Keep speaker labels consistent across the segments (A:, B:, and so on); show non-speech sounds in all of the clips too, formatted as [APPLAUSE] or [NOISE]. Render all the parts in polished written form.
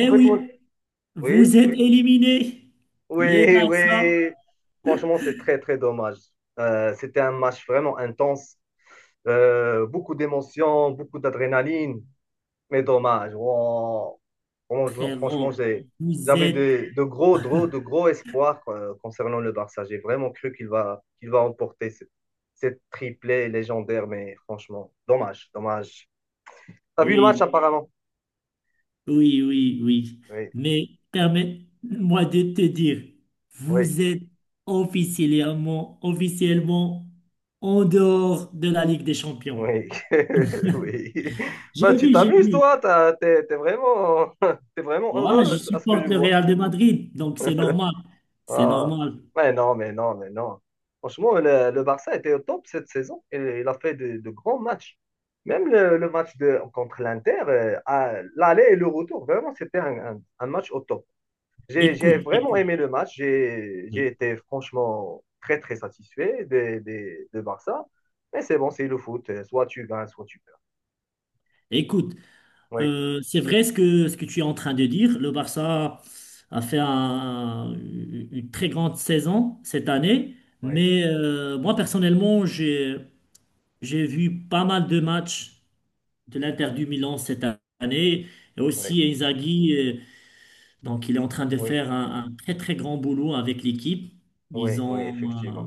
A: En fait, moi,
B: oui,
A: oui,
B: vous êtes éliminé. Le
A: oui,
B: Barça,
A: oui. Franchement,
B: [LAUGHS]
A: c'est très, très dommage. C'était un match vraiment intense. Beaucoup d'émotions, beaucoup d'adrénaline. Mais dommage. Wow. Franchement, franchement,
B: frérot, vous
A: j'avais
B: êtes...
A: de gros espoirs quoi, concernant le Barça. J'ai vraiment cru qu'il va remporter cette triplée légendaire. Mais franchement, dommage, dommage. T'as vu le match
B: Oui,
A: apparemment?
B: oui, oui, oui.
A: Oui,
B: Mais permets-moi de te dire,
A: oui.
B: vous êtes officiellement, officiellement en dehors de la Ligue des Champions.
A: Oui, [LAUGHS] oui. Bah,
B: J'ai
A: tu
B: vu, j'ai
A: t'amuses,
B: vu.
A: toi, t'es vraiment, [LAUGHS] t'es vraiment
B: Voilà, je
A: heureux à ce que je
B: supporte le
A: vois.
B: Real de Madrid, donc c'est normal. C'est
A: Ah,
B: normal.
A: mais non, mais non, mais non. Franchement, le Barça était au top cette saison et il a fait de grands matchs. Même le match contre l'Inter, à l'aller et le retour, vraiment, c'était un match au top. J'ai
B: Écoute,
A: vraiment
B: écoute.
A: aimé le match. J'ai
B: Oui.
A: été franchement très, très satisfait de Barça. Mais c'est bon, c'est le foot. Soit tu gagnes, soit tu perds.
B: Écoute,
A: Oui,
B: Euh, C'est vrai ce que tu es en train de dire. Le Barça a fait une très grande saison cette année,
A: oui.
B: mais moi personnellement, j'ai vu pas mal de matchs de l'Inter du Milan cette année. Et
A: Oui,
B: aussi Inzaghi, donc il est en train de
A: oui,
B: faire un très très grand boulot avec l'équipe. Ils
A: oui, oui,
B: ont,
A: effectivement.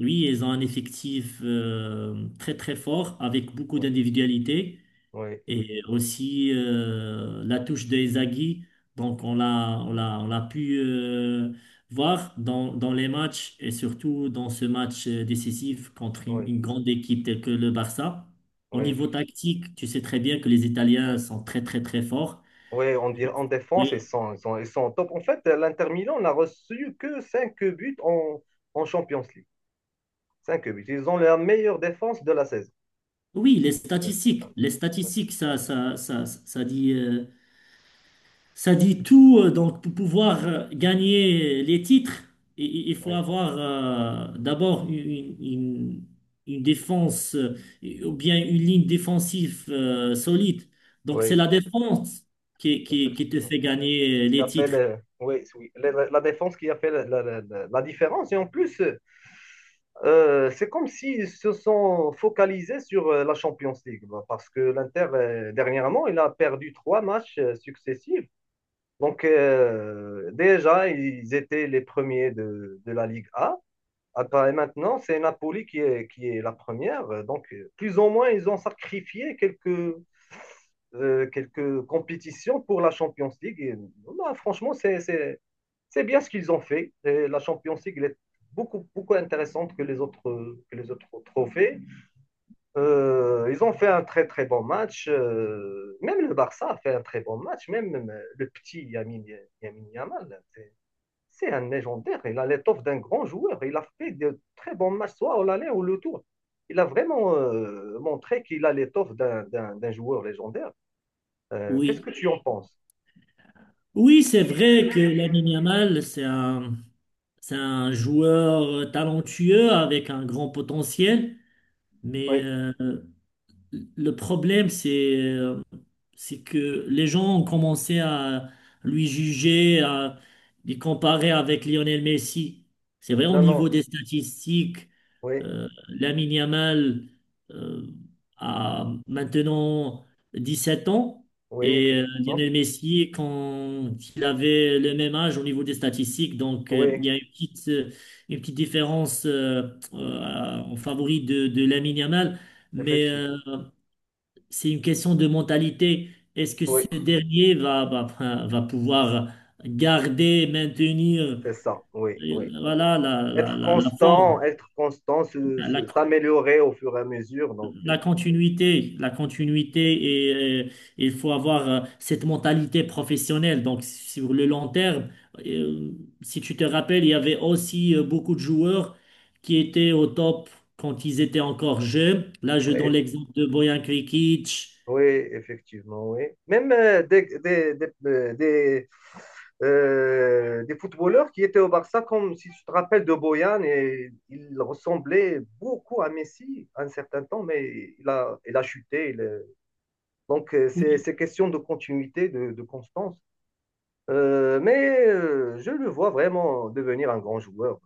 B: oui, ils ont un effectif très très fort avec beaucoup
A: Oui,
B: d'individualités.
A: oui,
B: Et aussi la touche de Inzaghi, donc on l'a pu voir dans les matchs et surtout dans ce match décisif contre une,
A: oui,
B: une grande équipe telle que le Barça. Au
A: oui,
B: niveau
A: effectivement.
B: tactique, tu sais très bien que les Italiens sont très très très forts.
A: Oui, en défense, ils
B: Oui,
A: sont, ils sont, ils sont au top. En fait, l'Inter Milan n'a reçu que 5 buts en Champions League. Cinq buts. Ils ont la meilleure défense de la saison.
B: oui,
A: Oui, c'est ça.
B: les
A: Oui,
B: statistiques, ça dit. Ça dit tout, donc pour pouvoir gagner les titres, il faut
A: oui,
B: avoir d'abord une défense ou bien une ligne défensive solide. Donc c'est
A: oui,
B: la défense qui te
A: effectivement.
B: fait gagner
A: Qui
B: les
A: a fait
B: titres.
A: oui, oui, la défense qui a fait la différence. Et en plus, c'est comme s'ils se sont focalisés sur la Champions League, bah, parce que l'Inter, dernièrement, il a perdu trois matchs successifs. Donc, déjà, ils étaient les premiers de la Ligue A. Après, et maintenant, c'est Napoli qui est la première. Donc, plus ou moins, ils ont sacrifié quelques compétitions pour la Champions League. Et, bah, franchement, c'est bien ce qu'ils ont fait. Et la Champions League, elle est beaucoup, beaucoup intéressante que les autres trophées. Ils ont fait un très, très bon match. Même le Barça a fait un très bon match. Même le petit Yamin Yamal, c'est un légendaire. Il a l'étoffe d'un grand joueur. Il a fait de très bons matchs, soit au l'aller ou le tour. Il a vraiment montré qu'il a l'étoffe d'un joueur légendaire. Qu'est-ce que
B: Oui.
A: tu en penses?
B: Oui, c'est vrai que Lamine Yamal, c'est un joueur talentueux avec un grand potentiel, mais
A: Oui.
B: le problème, c'est que les gens ont commencé à lui juger, à les comparer avec Lionel Messi. C'est vrai, au
A: Non, non,
B: niveau des statistiques,
A: oui,
B: Lamine Yamal euh, a maintenant 17 ans
A: oui,
B: et
A: effectivement.
B: Lionel Messi, quand il avait le même âge au niveau des statistiques, donc
A: Oui,
B: il y a une petite différence en favori de Lamine Yamal. Mais
A: effectivement.
B: c'est une question de mentalité. Est-ce que ce
A: Oui,
B: dernier va pouvoir garder, maintenir,
A: c'est ça. Oui, oui.
B: voilà, la, la, la, la forme,
A: Être constant,
B: la,
A: s'améliorer au fur et à mesure. Donc,
B: la continuité, la continuité et il faut avoir cette mentalité professionnelle. Donc, sur le long terme, euh, si tu te rappelles, il y avait aussi beaucoup de joueurs qui étaient au top quand ils étaient encore jeunes. Là, je
A: oui,
B: donne l'exemple de Bojan Krikić.
A: oui, effectivement, oui. Même des footballeurs qui étaient au Barça, comme si tu te rappelles de Boyan, et il ressemblait beaucoup à Messi à un certain temps, mais il a chuté. Donc, c'est question de continuité, de constance. Mais je le vois vraiment devenir un grand joueur.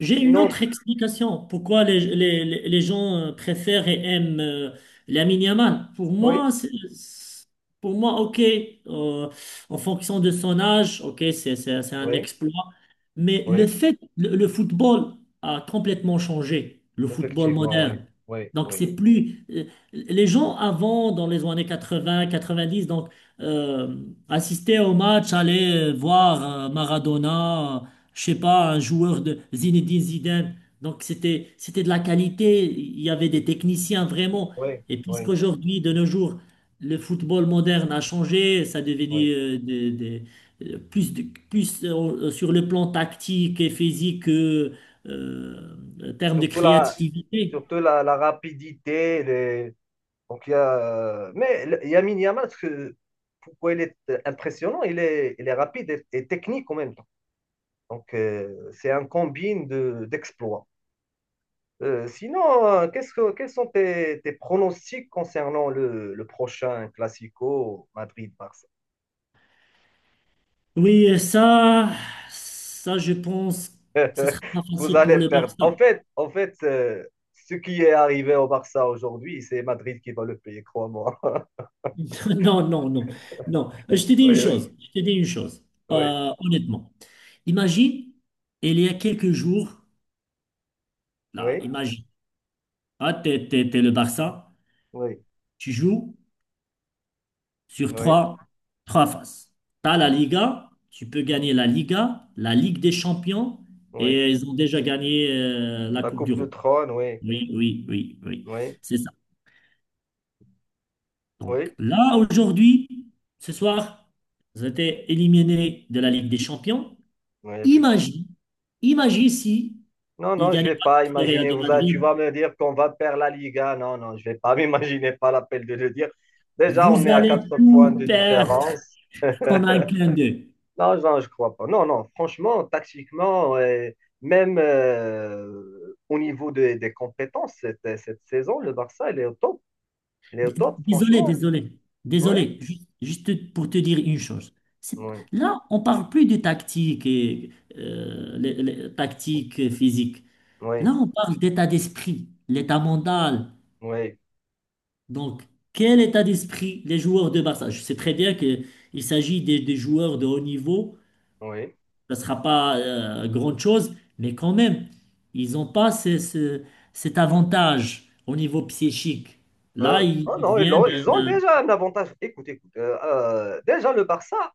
B: J'ai une
A: Sinon,
B: autre explication. Pourquoi les gens préfèrent et aiment Lamine Yamal? Pour
A: oui,
B: moi, c'est- pour moi, ok, euh, en fonction de son âge, ok, c'est un
A: oui,
B: exploit. Mais le
A: oui,
B: fait, le, le football a complètement changé, le football
A: effectivement, oui,
B: moderne.
A: oui,
B: Donc,
A: oui,
B: c'est plus. Les gens avant, dans les années 80, 90, donc, euh, assistaient au match, allaient voir Maradona, je sais pas, un joueur de Zinedine Zidane. Donc c'était de la qualité, il y avait des techniciens vraiment.
A: oui,
B: Et
A: oui,
B: puisqu'aujourd'hui, de nos jours, le football moderne a changé, ça a
A: oui.
B: devenu euh, plus, de- plus sur le plan tactique et physique que euh, en termes de
A: Surtout la,
B: créativité.
A: surtout la rapidité. Donc, il y a... Mais Lamine Yamal, pourquoi il est impressionnant? Il est rapide et technique en même temps. Donc, c'est un combine d'exploits. Sinon, quels sont tes pronostics concernant le prochain Classico Madrid-Barça?
B: Oui, ça je pense que ce
A: [LAUGHS]
B: sera pas
A: Vous
B: facile pour
A: allez
B: le
A: perdre. En
B: Barça.
A: fait, en fait ce qui est arrivé au Barça aujourd'hui, c'est Madrid qui va le payer, crois-moi. [LAUGHS]
B: [LAUGHS] Non, non, non, non. Je te dis
A: Oui,
B: une
A: oui,
B: chose, je te dis une chose,
A: oui,
B: honnêtement. Imagine, il y a quelques jours, là,
A: oui,
B: imagine, ah, t'es le Barça,
A: oui,
B: tu joues sur
A: oui,
B: trois phases. T'as la
A: oui,
B: Liga, tu peux gagner la Liga, la Ligue des Champions,
A: oui.
B: et ils ont déjà gagné la
A: La
B: Coupe du
A: Coupe de
B: Rhum.
A: Trône, oui,
B: Oui, oui, oui, oui,
A: oui,
B: c'est ça. Donc
A: oui,
B: là, aujourd'hui, ce soir, ils ont été éliminés de la Ligue des Champions.
A: oui, effectivement.
B: Imagine, imagine si
A: Non,
B: il ne
A: non, je
B: gagnait
A: vais
B: pas
A: pas
B: contre le Real
A: imaginer.
B: de
A: Tu
B: Madrid.
A: vas me dire qu'on va perdre la Liga. Non, non, je vais pas [LAUGHS] m'imaginer. Pas l'appel de le dire. Déjà, on
B: Vous
A: est à
B: allez
A: quatre points
B: tout
A: de
B: perdre
A: différence.
B: en un clin d'œil.
A: Non, non, je crois pas. Non, non, franchement, tactiquement, et même au niveau des compétences, cette saison, le Barça, il est au top. Il est au top,
B: Désolé,
A: franchement.
B: désolé,
A: Oui,
B: désolé. Juste pour te dire une chose. C'est-
A: oui,
B: Là, on parle plus de tactique et les tactiques physiques.
A: oui,
B: Là, on parle d'état d'esprit, l'état mental.
A: oui,
B: Donc, quel état d'esprit les joueurs de Barça? Je sais très bien qu'il s'agit des joueurs de haut niveau
A: oui.
B: ne sera pas grande chose, mais quand même, ils n'ont pas cet avantage au niveau psychique. Là, il,
A: Oh
B: il
A: non, ils
B: vient
A: ont, ils
B: de,
A: ont
B: de-
A: déjà un avantage. Écoute, écoute, déjà le Barça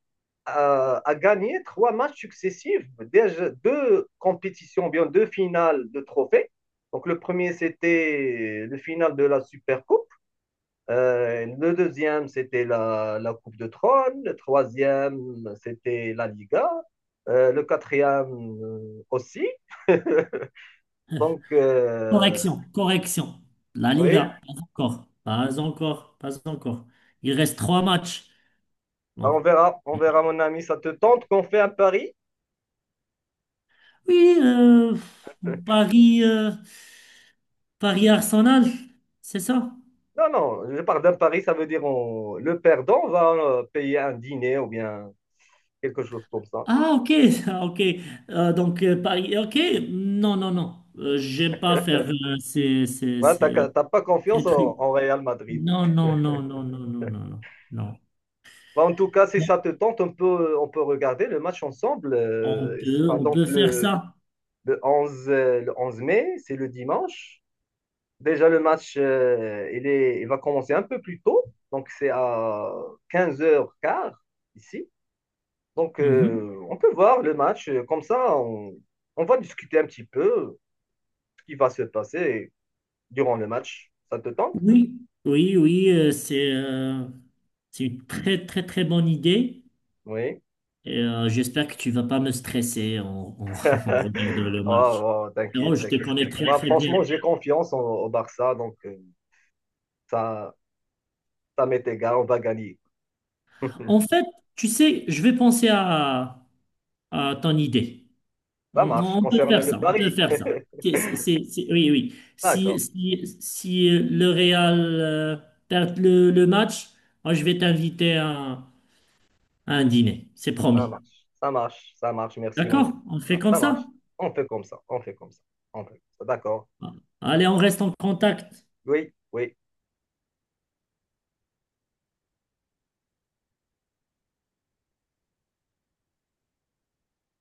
A: a gagné trois matchs successifs, déjà deux compétitions, bien deux finales de trophées. Donc le premier, c'était le final de la Super Coupe. Le deuxième, c'était la Coupe de Trône. Le troisième, c'était la Liga. Le quatrième aussi. [LAUGHS] Donc,
B: correction, correction. La
A: oui,
B: Liga, pas encore, pas encore, pas encore. Il reste trois matchs.
A: bah,
B: Donc,
A: on verra, mon ami. Ça te tente qu'on fait un pari?
B: oui, Paris, Paris Arsenal, c'est ça?
A: Non, non, je parle d'un pari, ça veut dire le perdant va payer un dîner ou bien quelque chose comme ça.
B: Ah, ok, [LAUGHS] ah, ok. Donc, Paris, ok. Non, non, non. J'aime pas faire ces, ces,
A: Voilà,
B: ces-
A: t'as pas confiance
B: Ces truc.
A: en Real Madrid.
B: Non, non, non, non, non, non, non, non, non.
A: Bah, en tout cas, si
B: Non,
A: ça te tente, on peut regarder le match ensemble.
B: On
A: Il
B: peut,
A: sera
B: on
A: donc
B: peut faire
A: le,
B: ça.
A: le 11, euh, le 11 mai, c'est le dimanche. Déjà, le match, il va commencer un peu plus tôt. Donc, c'est à quinze heures 15 ici. Donc,
B: Mhm.
A: on peut voir le match. Comme ça, on va discuter un petit peu, qui va se passer durant le match. Ça te tente?
B: Oui, oui, oui, c'est une très, très, très bonne idée.
A: Oui.
B: Et, j'espère que tu vas pas me stresser en- [LAUGHS] en regardant
A: [LAUGHS]
B: le match.
A: Oh, oh,
B: Non,
A: t'inquiète,
B: je te
A: t'inquiète.
B: connais très,
A: Moi,
B: très bien.
A: franchement, j'ai confiance au Barça, donc ça, ça m'est égal, on va gagner.
B: En
A: [LAUGHS]
B: fait, tu sais, je vais penser à ton idée.
A: Ça
B: On
A: marche.
B: on peut
A: Concernant
B: faire
A: le
B: ça, on peut
A: pari,
B: faire ça. Oui, oui. Si,
A: d'accord,
B: si, si euh, le Real perd le match, moi je vais t'inviter à un dîner, c'est
A: ça
B: promis.
A: marche, ça marche, ça marche. Merci, mon.
B: D'accord? On fait comme
A: Ça marche.
B: ça?
A: On fait comme ça, on fait comme ça, on fait comme ça. D'accord.
B: Bon. Allez, on reste en contact.
A: Oui, oui.